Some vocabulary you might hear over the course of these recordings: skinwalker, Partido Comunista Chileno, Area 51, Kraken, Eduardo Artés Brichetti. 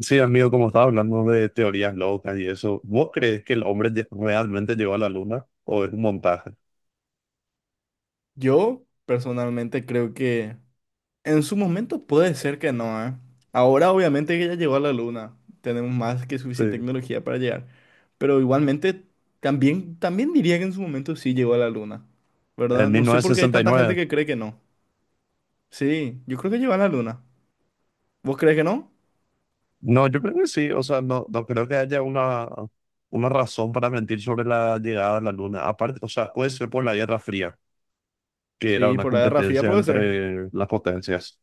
Sí, amigo, como estaba hablando de teorías locas y eso, ¿vos crees que realmente llegó a la luna o es un montaje? Yo personalmente creo que en su momento puede ser que no, ¿eh? Ahora obviamente que ya llegó a la luna, tenemos más que suficiente Sí. tecnología para llegar, pero igualmente también diría que en su momento sí llegó a la luna, En ¿verdad? mil No sé por novecientos qué hay sesenta y tanta gente nueve. que cree que no. Sí, yo creo que llegó a la luna. ¿Vos crees que no? No, yo creo que sí, o sea, no creo que haya una razón para mentir sobre la llegada a la luna. Aparte, o sea, puede ser por la Guerra Fría, que era Sí, una por la Guerra Fría competencia puede ser. entre las potencias.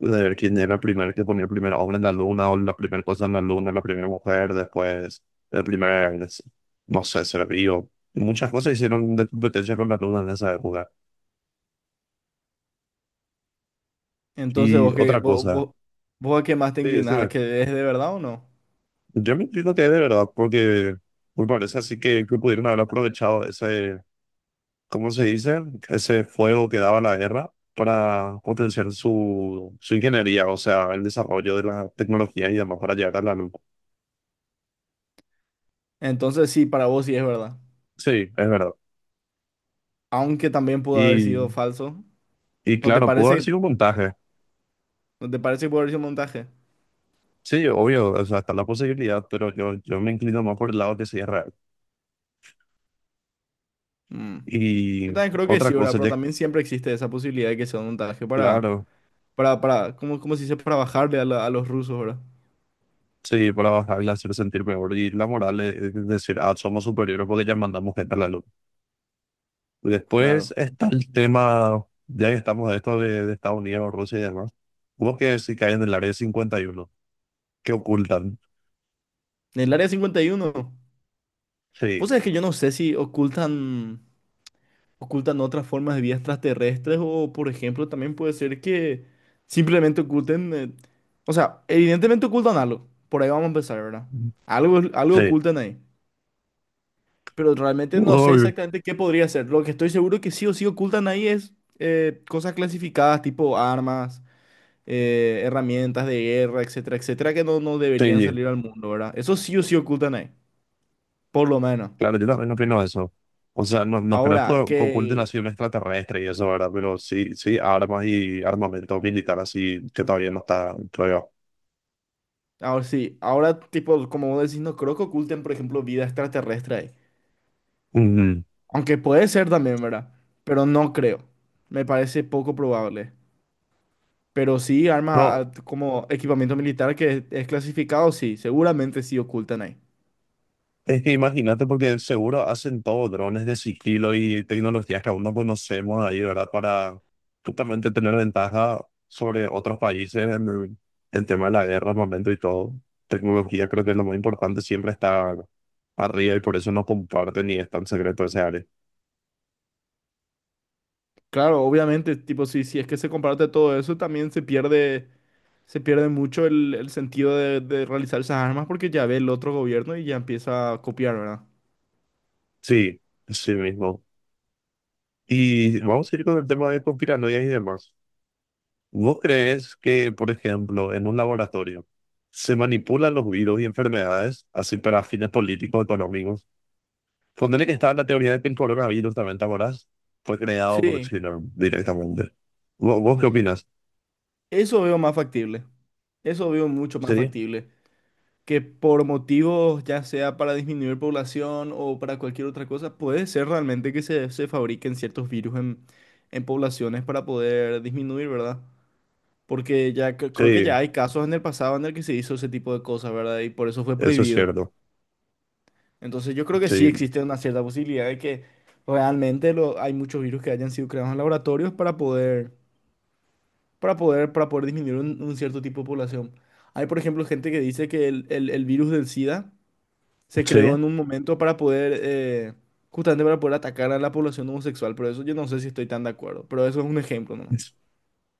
De ver quién era el primer que ponía el primer hombre en la luna o la primera cosa en la luna, la primera mujer, después el primer, es- no sé, ser vivo. Muchas cosas hicieron de competencia con la luna en esa época. Entonces, Y ¿vos, qué, otra vos, cosa, vos, vos a qué más te sí, inclinas? ¿A decime, que es de verdad o no? yo me entiendo que es de verdad, porque me parece así que pudieron haber aprovechado ese, ¿cómo se dice? Ese fuego que daba la guerra para potenciar su ingeniería, o sea, el desarrollo de la tecnología y demás para llegar a la luna. Entonces sí, para vos sí es verdad. Sí, es verdad. Aunque también pudo haber sido Y falso. Y ¿No te claro, pudo haber parece, sido un montaje. ¿no te parece que puede haber sido un montaje? Sí, obvio, o sea, está la posibilidad, pero yo me inclino más por el lado que sea real. Mm. Yo Y también creo que otra sí, ¿verdad? cosa, Pero ya, también siempre existe esa posibilidad de que sea un montaje para, claro, para, para, ¿cómo, cómo se dice? Para bajarle a, a los rusos, ¿verdad? sí, para bajarle, hacer sentir mejor. Y la moral es decir, ah, somos superiores porque ya mandamos gente a la luz. Después Claro. está el tema, ya que estamos de esto de Estados Unidos, Rusia y demás. Hubo que si caen en el área 51 que ocultan. En el área 51, vos Sí, sabés que yo no sé si ocultan otras formas de vida extraterrestres o, por ejemplo, también puede ser que simplemente oculten, o sea, evidentemente ocultan algo. Por ahí vamos a empezar, ¿verdad? Algo sí. ocultan ahí, pero realmente no sé Uy, exactamente qué podría ser. Lo que estoy seguro que sí o sí ocultan ahí es cosas clasificadas tipo armas, herramientas de guerra, etcétera, etcétera, que no deberían sí. salir al mundo, ¿verdad? Eso sí o sí ocultan ahí, por lo menos. Claro, yo también opino eso. O sea, no creo que Ahora, oculten que... así un extraterrestre y eso, ¿verdad? Pero sí, sí, armas y armamento militar así que todavía no está, creo Ahora sí, ahora tipo, como vos decís, no creo que oculten, por ejemplo, vida extraterrestre ahí. yo. Mm. Aunque puede ser también, ¿verdad? Pero no creo. Me parece poco probable. Pero sí, armas, No, como equipamiento militar que es clasificado, sí, seguramente sí ocultan ahí. es que imagínate porque seguro hacen todo drones de sigilo y tecnologías que aún no conocemos ahí, ¿verdad? Para justamente tener ventaja sobre otros países en el tema de la guerra, armamento y todo. Tecnología creo que es lo más importante, siempre está arriba y por eso no comparten y es tan secreto ese área. Claro, obviamente, tipo, sí, si es que se comparte todo eso, también se pierde mucho el sentido de realizar esas armas porque ya ve el otro gobierno y ya empieza a copiar, ¿verdad? Sí, sí mismo. Y vamos a ir con el tema de conspiranoias y demás. ¿Vos crees que, por ejemplo, en un laboratorio se manipulan los virus y enfermedades así para fines políticos o económicos? Ponerle que estaba la teoría de que el coronavirus también, ¿te acordás? Fue creado por Sí, China directamente. ¿Vos qué opinas? eso veo más factible. Eso veo mucho más Sí, factible, que por motivos, ya sea para disminuir población o para cualquier otra cosa, puede ser realmente que se fabriquen ciertos virus en poblaciones para poder disminuir, ¿verdad? Porque ya creo que ya sí, hay casos en el pasado en el que se hizo ese tipo de cosas, ¿verdad? Y por eso fue eso es prohibido. cierto. Entonces yo creo que sí Sí, existe una cierta posibilidad de que realmente lo, hay muchos virus que hayan sido creados en laboratorios para poder, para poder disminuir un cierto tipo de población. Hay, por ejemplo, gente que dice que el virus del SIDA se creó sí. en un momento para poder, justamente para poder atacar a la población homosexual, pero eso yo no sé si estoy tan de acuerdo, pero eso es un ejemplo nomás.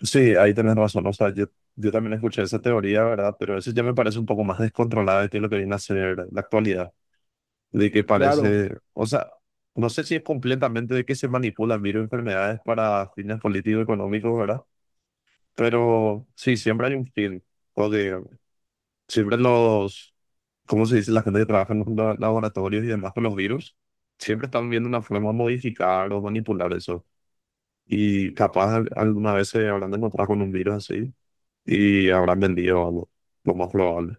Sí, ahí tenés razón. O sea, yo también escuché esa teoría, ¿verdad? Pero eso ya me parece un poco más descontrolada de que lo que viene a ser la actualidad. De que Claro, parece, o sea, no sé si es completamente de que se manipulan virus enfermedades para fines políticos económicos, ¿verdad? Pero sí, siempre hay un fin, porque siempre los, ¿cómo se dice? La gente que trabaja en los laboratorios y demás con los virus, siempre están viendo una forma de modificar o manipular eso. Y capaz alguna vez se habrán encontrado con un virus así y habrán vendido algo, lo más probable.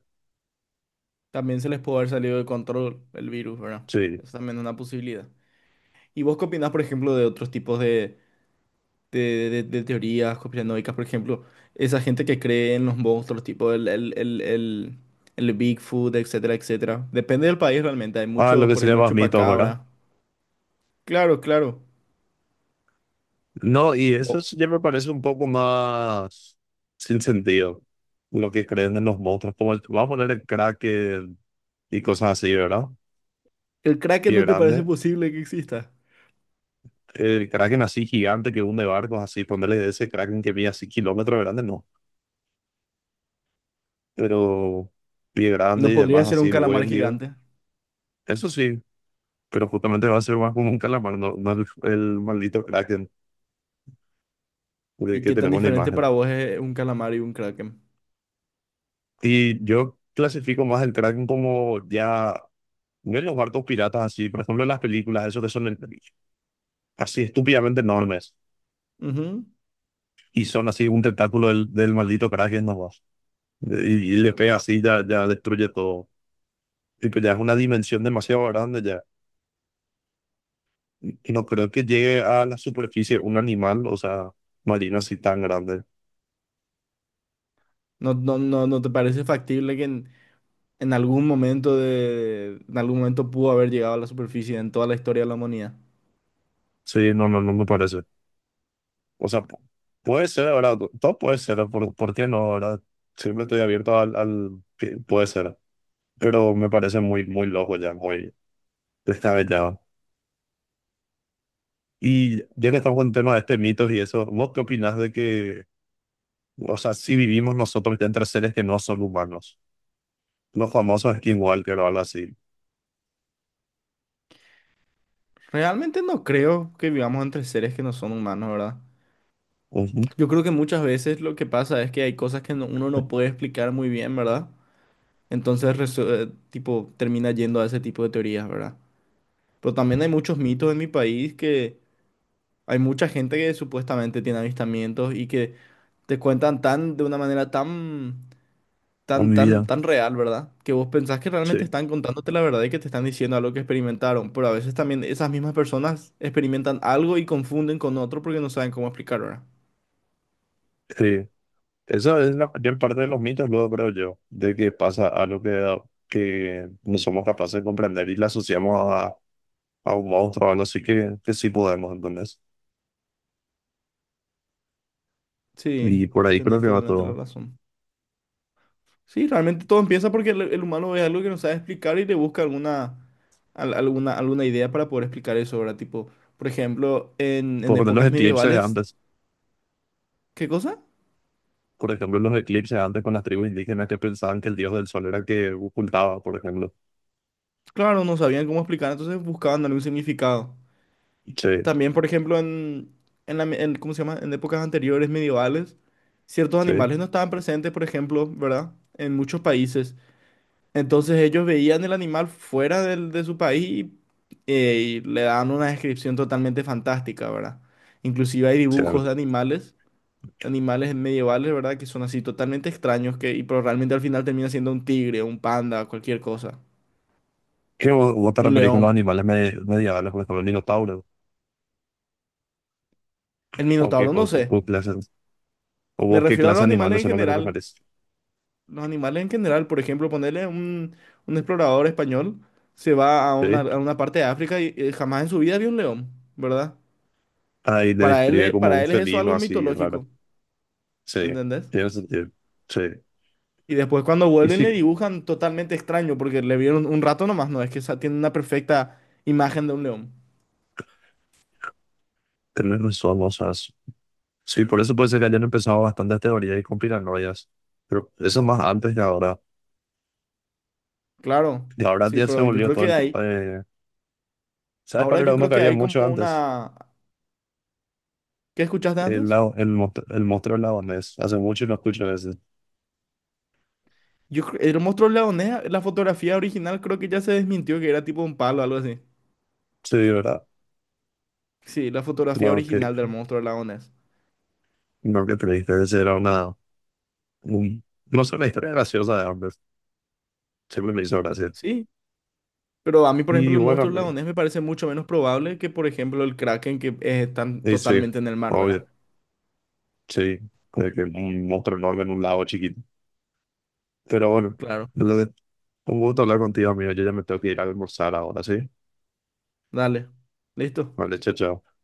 también se les puede haber salido de control el virus, ¿verdad? Sí. Eso también es una posibilidad. ¿Y vos qué opinás, por ejemplo, de otros tipos de, de teorías conspiranoicas? Por ejemplo, esa gente que cree en los monstruos, tipo el Bigfoot, etcétera, etcétera. Depende del país realmente. Hay Ah, lo muchos, que por sería ejemplo, el más mitos, ¿verdad? chupacabra. Claro, claro. No, y O- ya me parece un poco más sin sentido, lo que creen en los monstruos. Como vamos a poner el Kraken y cosas así, ¿verdad? ¿El Kraken Pie no te parece grande. posible que exista? El Kraken así gigante que hunde barcos, así, ponerle ese Kraken que mide así kilómetros de grande, no. Pero pie grande ¿No y demás, podría ser así, un el calamar buen dios. gigante? Eso sí, pero justamente va a ser más como un calamar, no, no el maldito Kraken de ¿Y que qué tan tenemos en la diferente para imagen. vos es un calamar y un kraken? Y yo clasifico más el Kraken como ya yo los barcos piratas así, por ejemplo, en las películas, esos que son así estúpidamente enormes Ujú. y son así un tentáculo del maldito Kraken nomás. Y le pega así, ya destruye todo. Tipo, ya es una dimensión demasiado grande ya. Y no creo que llegue a la superficie un animal, o sea, marino así tan grande. ¿ no te parece factible que en algún momento de, en algún momento pudo haber llegado a la superficie en toda la historia de la humanidad? Sí, no me parece. O sea, puede ser, ¿verdad? Todo puede ser, por qué no, verdad? Siempre estoy abierto al, al... Que puede ser, pero me parece muy loco ya, muy descabellado. Y ya que estamos con el tema de este mitos y eso, ¿vos qué opinás de que, o sea, si vivimos nosotros ya entre seres que no son humanos? Los famosos skinwalker o algo así. Realmente no creo que vivamos entre seres que no son humanos, ¿verdad? Ujú. Yo creo que muchas veces lo que pasa es que hay cosas que uno no puede explicar muy bien, ¿verdad? Entonces, tipo, termina yendo a ese tipo de teorías, ¿verdad? Pero también hay muchos mitos en mi país que hay mucha gente que supuestamente tiene avistamientos y que te cuentan tan de una manera Con mi vida. tan real, ¿verdad? Que vos pensás que realmente Sí, están contándote la verdad y que te están diciendo algo que experimentaron. Pero a veces también esas mismas personas experimentan algo y confunden con otro porque no saben cómo explicar, ¿verdad? sí. Esa es la mayor parte de los mitos, luego creo yo, de que pasa algo que no somos capaces de comprender y la asociamos a un monstruo o algo así que sí podemos, entonces. Sí, Y por ahí creo tenés que va totalmente la todo. razón. Sí, realmente todo empieza porque el humano ve algo que no sabe explicar y le busca alguna, alguna idea para poder explicar eso, ¿verdad? Tipo, por ejemplo, Por en poner los épocas eclipses de medievales, antes. ¿qué cosa? Por ejemplo, los eclipses antes con las tribus indígenas que pensaban que el dios del sol era el que ocultaba, por ejemplo. Claro, no sabían cómo explicar, entonces buscaban algún significado. Sí, También, por ejemplo, en, la me- en- ¿cómo se llama? En épocas anteriores medievales, ciertos sí, animales no estaban presentes, por ejemplo, ¿verdad? En muchos países. Entonces ellos veían el animal de su país y le daban una descripción totalmente fantástica, ¿verdad? Inclusive hay sí, a ver. dibujos de animales, animales medievales, ¿verdad? Que son así totalmente extraños, que, y, pero realmente al final termina siendo un tigre, un panda, cualquier cosa, ¿Vos te un referís con león. los animales medievales, por ejemplo, el minotauro? El ¿O qué, minotauro, no sé. Clase, o Me vos qué refiero a clase los de animales animales en son los que te general. referís? Los animales en general, por ejemplo, ponerle un explorador español, se va a Sí. a una parte de África y, jamás en su vida vio un león, ¿verdad? Ahí le describe como Para un él es eso felino algo así, raro. mitológico, Sí, ¿entendés? tiene sentido. Sí. Y después cuando Y vuelven le sí, dibujan totalmente extraño porque le vieron un rato nomás, no es que tiene una perfecta imagen de un león. tenés razón, o sea, sí, por eso puede ser que hayan empezado bastantes teorías y conspiranoias. Pero eso más antes de ahora. Claro, Y ahora sí, ya se pero yo volvió creo todo que el tema de ¿sabes cuál ahora era yo uno creo que que había hay mucho como antes? una... ¿Qué escuchaste El, antes? El mostró laonés. Hace mucho no escucho ese. Yo, el monstruo leonés, la fotografía original creo que ya se desmintió que era tipo un palo o algo así. Sí, ¿verdad? Sí, la fotografía Bueno, que original del monstruo leonés. no que creíste, ese era una, no sé, una historia graciosa de Amber. Siempre me hizo gracia. Sí, pero a mí, por ejemplo, Y el bueno, monstruo leonés me parece mucho menos probable que, por ejemplo, el Kraken que están y sí, totalmente en el mar, ¿verdad? obvio, sí. De que un monstruo enorme en un lago chiquito. Pero bueno, Claro. lo de- un gusto hablar contigo, amigo. Yo ya me tengo que ir a almorzar ahora, ¿sí? Dale. ¿Listo? Vale, chao, chao.